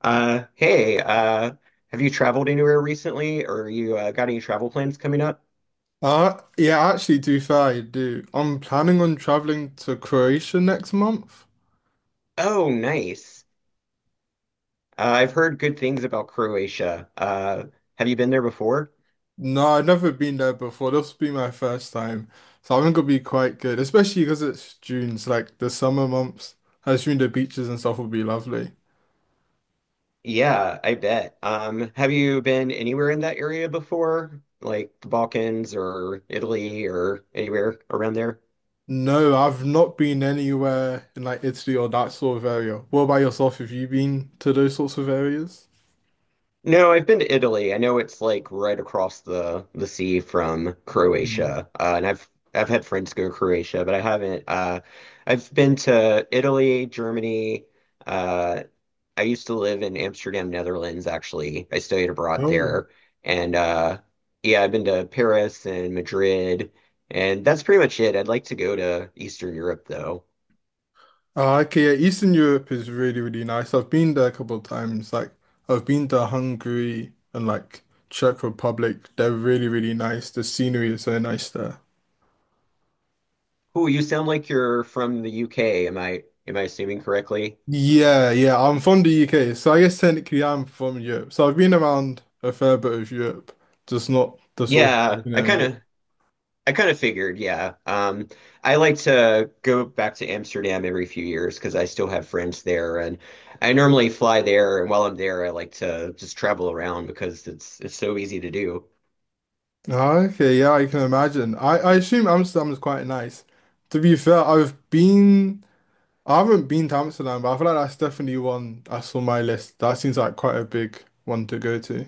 Uh, hey, uh, have you traveled anywhere recently, or you got any travel plans coming up? Yeah, actually, to be fair, I do. I'm planning on traveling to Croatia next month. Oh, nice. I've heard good things about Croatia. Have you been there before? No, I've never been there before. This will be my first time. So I think it'll be quite good, especially because it's June, so like the summer months. I assume the beaches and stuff will be lovely. Yeah, I bet. Have you been anywhere in that area before, like the Balkans or Italy or anywhere around there? No, I've not been anywhere in like Italy or that sort of area. What about yourself? Have you been to those sorts of areas? No, I've been to Italy. I know it's like right across the sea from Croatia. And I've had friends go to Croatia, but I haven't. I've been to Italy, Germany. Uh, I used to live in Amsterdam, Netherlands, actually. I studied abroad Mm. there. And Yeah, I've been to Paris and Madrid. And that's pretty much it. I'd like to go to Eastern Europe though. Ah, okay, yeah, Eastern Europe is really, really nice. I've been there a couple of times. Like, I've been to Hungary and like Czech Republic. They're really, really nice. The scenery is so nice there. Ooh, you sound like you're from the UK. Am I assuming correctly? Yeah, yeah, I'm from the UK, so I guess technically I'm from Europe. So I've been around a fair bit of Europe, just not the sort of, Yeah, I kind of figured, yeah. I like to go back to Amsterdam every few years because I still have friends there, and I normally fly there. And while I'm there, I like to just travel around because it's so easy to do. Ah, okay, yeah, I can imagine. I assume Amsterdam is quite nice. To be fair, I've been. I haven't been to Amsterdam, but I feel like that's definitely one that's on my list. That seems like quite a big one to go to.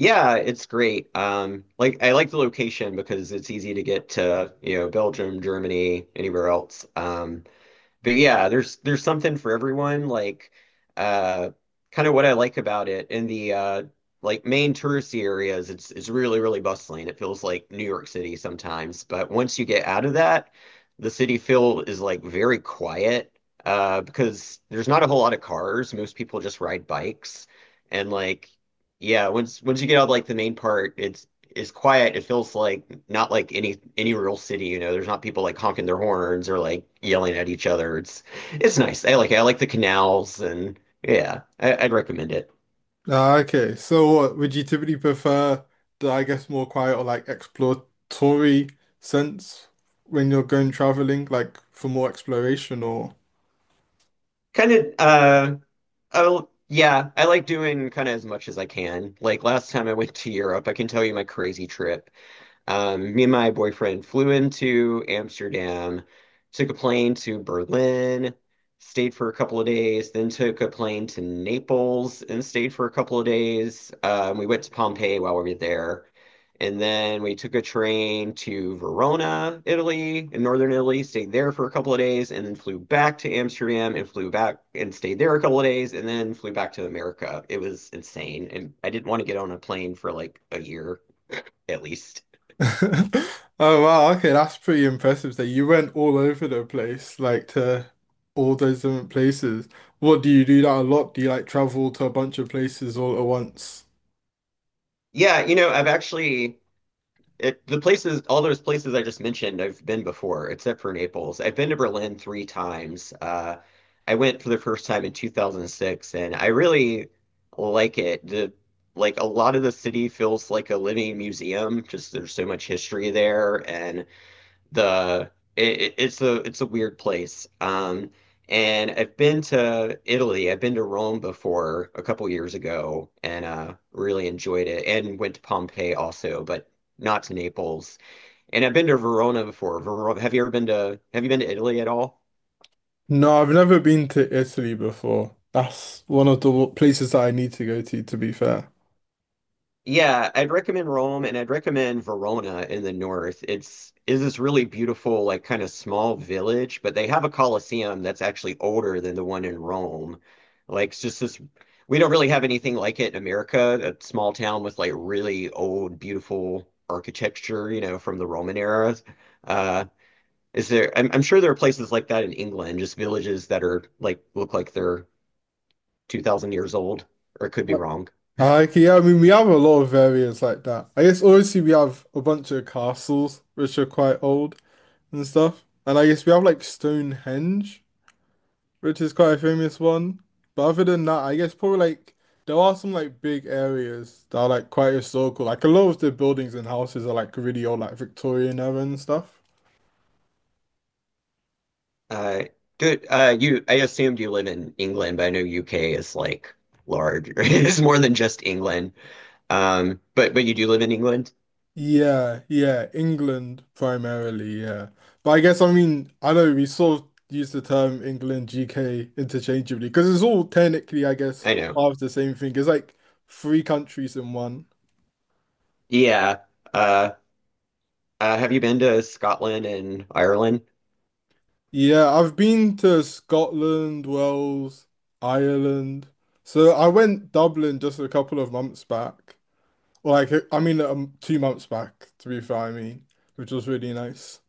Yeah, it's great. Like I like the location because it's easy to get to, you know, Belgium, Germany, anywhere else. But yeah, there's something for everyone. Uh Kind of what I like about it in the like main touristy areas, it's really, really bustling. It feels like New York City sometimes. But once you get out of that, the city feel is like very quiet because there's not a whole lot of cars. Most people just ride bikes and like yeah, once you get out of like the main part, it's quiet. It feels like not like any real city, you know. There's not people like honking their horns or like yelling at each other. It's nice. I like it. I like the canals and yeah, I'd recommend it. Ah, okay, so what would you typically prefer the, I guess, more quiet or like exploratory sense when you're going traveling, like for more exploration or? Kind of uh oh yeah, I like doing kind of as much as I can. Like last time I went to Europe, I can tell you my crazy trip. Me and my boyfriend flew into Amsterdam, took a plane to Berlin, stayed for a couple of days, then took a plane to Naples and stayed for a couple of days. We went to Pompeii while we were there. And then we took a train to Verona, Italy, in northern Italy, stayed there for a couple of days, and then flew back to Amsterdam and flew back and stayed there a couple of days, and then flew back to America. It was insane. And I didn't want to get on a plane for like a year at least. Oh wow, okay, that's pretty impressive that you went all over the place, like to all those different places. What do you do that a lot? Do you like travel to a bunch of places all at once? Yeah, you know, I've the places, all those places I just mentioned, I've been before, except for Naples. I've been to Berlin three times. I went for the first time in 2006, and I really like it. The Like a lot of the city feels like a living museum. Just there's so much history there, and the it's a weird place. And I've been to Italy. I've been to Rome before a couple years ago and really enjoyed it and went to Pompeii also, but not to Naples. And I've been to Verona before. Verona, have you been to Italy at all? No, I've never been to Italy before. That's one of the places that I need to go to be fair. Yeah, I'd recommend Rome and I'd recommend Verona in the north. It's is this really beautiful, like kind of small village, but they have a Colosseum that's actually older than the one in Rome. Like it's just this We don't really have anything like it in America, a small town with like really old, beautiful architecture, you know, from the Roman era. Uh is there I'm sure there are places like that in England, just villages that are like look like they're 2000 years old, or it could be Uh, wrong. Okay, yeah, I mean, we have a lot of areas like that. I guess obviously we have a bunch of castles, which are quite old and stuff. And I guess we have like Stonehenge, which is quite a famous one. But other than that, I guess probably like there are some like big areas that are like quite historical. Like a lot of the buildings and houses are like really old, like Victorian era and stuff. Uh, do you? I assumed you live in England, but I know UK is like large. It's more than just England. But you do live in England? Yeah, yeah, England primarily, yeah. But I guess I mean I know we sort of use the term England GK interchangeably because it's all technically I guess I know. part of the same thing. It's like three countries in one. Yeah. Uh, have you been to Scotland and Ireland? Yeah, I've been to Scotland, Wales, Ireland. So I went Dublin just a couple of months back. Or like I mean 2 months back to be fair, I mean, which was really nice.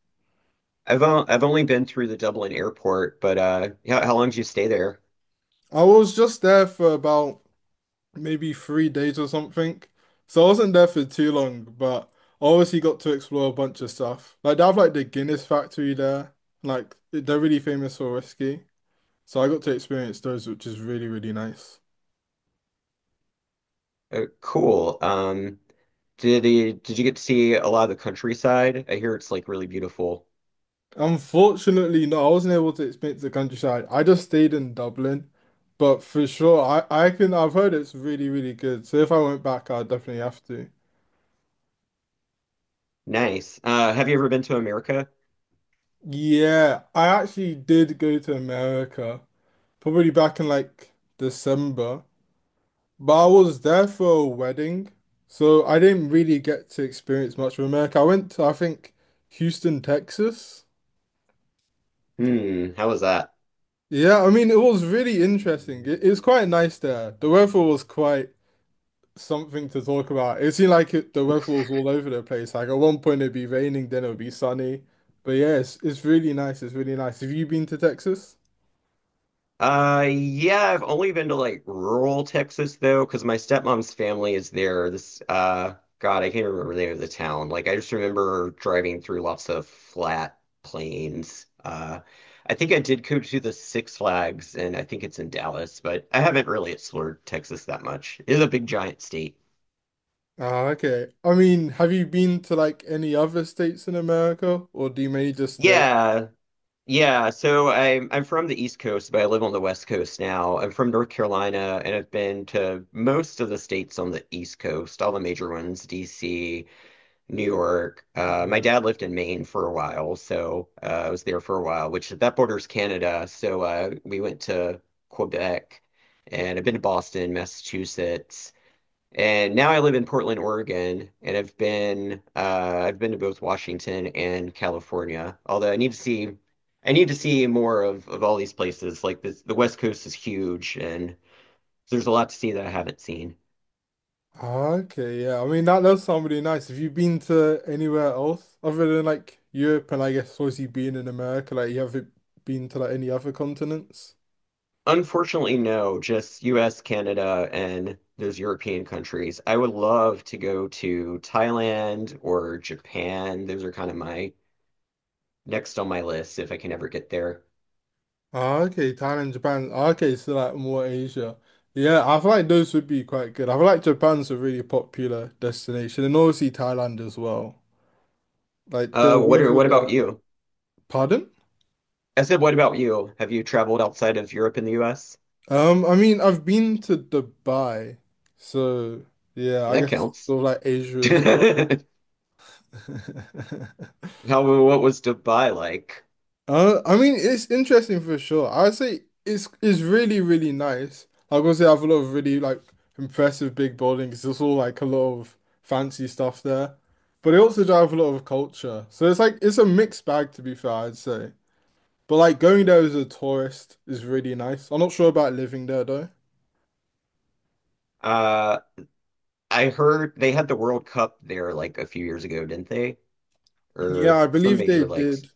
I've only been through the Dublin airport, but how long did you stay there? I was just there for about maybe 3 days or something. So I wasn't there for too long, but I obviously got to explore a bunch of stuff. Like they have like the Guinness factory there. Like they're really famous for whiskey. So I got to experience those, which is really, really nice. Cool. Did you get to see a lot of the countryside? I hear it's like really beautiful. Unfortunately, no, I wasn't able to experience the countryside. I just stayed in Dublin. But for sure, I've heard it's really, really good. So if I went back, I'd definitely have to. Nice. Have you ever been to America? Yeah, I actually did go to America, probably back in like December. But I was there for a wedding, so I didn't really get to experience much of America. I went to, I think, Houston, Texas. Hmm. How was that? Yeah, I mean, it was really interesting. It was quite nice there. The weather was quite something to talk about. It seemed like the weather was all over the place. Like at one point it'd be raining, then it would be sunny. But yeah, it's really nice. It's really nice. Have you been to Texas? Yeah, I've only been to like rural Texas though, because my stepmom's family is there. God, I can't remember the name of the town. Like, I just remember driving through lots of flat plains. I think I did go to the Six Flags, and I think it's in Dallas, but I haven't really explored Texas that much. It's a big, giant state. Ah, okay. I mean, have you been to like any other states in America, or do you mainly just stay? Yeah, Yeah, so I'm from the East Coast, but I live on the West Coast now. I'm from North Carolina, and I've been to most of the states on the East Coast, all the major ones, DC, New York. My Yeah. dad lived in Maine for a while, so I was there for a while, which that borders Canada. So we went to Quebec, and I've been to Boston, Massachusetts. And now I live in Portland, Oregon, and I've been to both Washington and California. Although I need to see more of all these places. The West Coast is huge, and there's a lot to see that I haven't seen. Okay, yeah. I mean that does sound really nice. Have you been to anywhere else other than like Europe and I guess obviously being in America, like you haven't been to like any other continents? Unfortunately, no, just U.S., Canada, and those European countries. I would love to go to Thailand or Japan. Those are kind of my next on my list if I can ever get there. Ah, okay, Thailand, Japan. Ah, Okay, so like more Asia. Yeah, I feel like those would be quite good. I feel like Japan's a really popular destination and obviously Thailand as well. Like the weather What about there. you? Pardon? I said, what about you? Have you traveled outside of Europe and the US? I mean I've been to Dubai, so yeah, I That guess counts. sort of like Asia as How, well. what was Dubai like? I mean, it's interesting for sure. I'd say it's really really nice. Like obviously, I have a lot of really like impressive big buildings. It's all like a lot of fancy stuff there, but it also drives a lot of culture. So it's like it's a mixed bag to be fair, I'd say. But like going there as a tourist is really nice. I'm not sure about living there though. Uh, I heard they had the World Cup there like a few years ago, didn't they? Yeah, Or I some believe they major likes. did.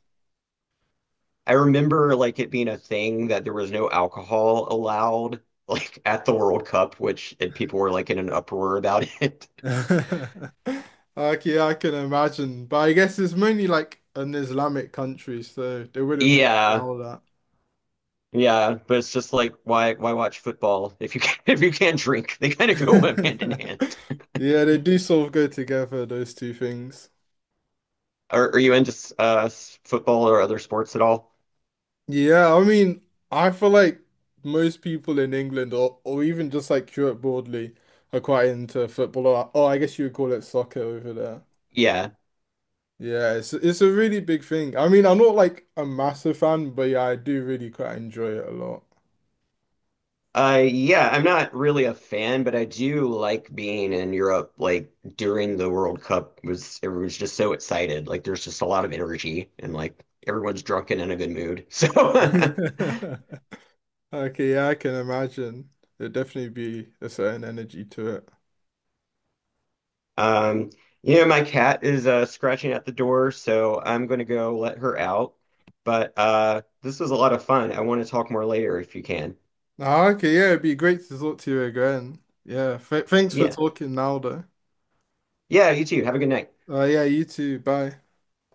I remember like it being a thing that there was no alcohol allowed like at the World Cup, which and people were like in an uproar about it. Like yeah, I can imagine. But I guess it's mainly like an Islamic country, so they wouldn't really Yeah. allow that. Yeah, but it's just like why watch football if you can if you can't drink? They kind of go hand in hand. Yeah, they do sort of go together, those two things. Are you into uh, football or other sports at all? Yeah, I mean, I feel like most people in England or even just like Europe broadly are quite into football or I guess you would call it soccer over there. Yeah. Yeah, it's a really big thing. I mean, I'm not like a massive fan, but yeah, I do really quite enjoy it a lot. Yeah, I'm not really a fan, but I do like being in Europe. Like during the World Cup was everyone's just so excited. Like there's just a lot of energy and like everyone's drunk and in a good mood. So Okay, yeah, I can imagine. There'd definitely be a certain energy to it. um, you know, my cat is scratching at the door, so I'm gonna go let her out. But this was a lot of fun. I want to talk more later if you can. Ah, okay, yeah, it'd be great to talk to you again. Yeah, th thanks for Yeah. talking now, though. Yeah, you too. Have a good night. Yeah, you too. Bye.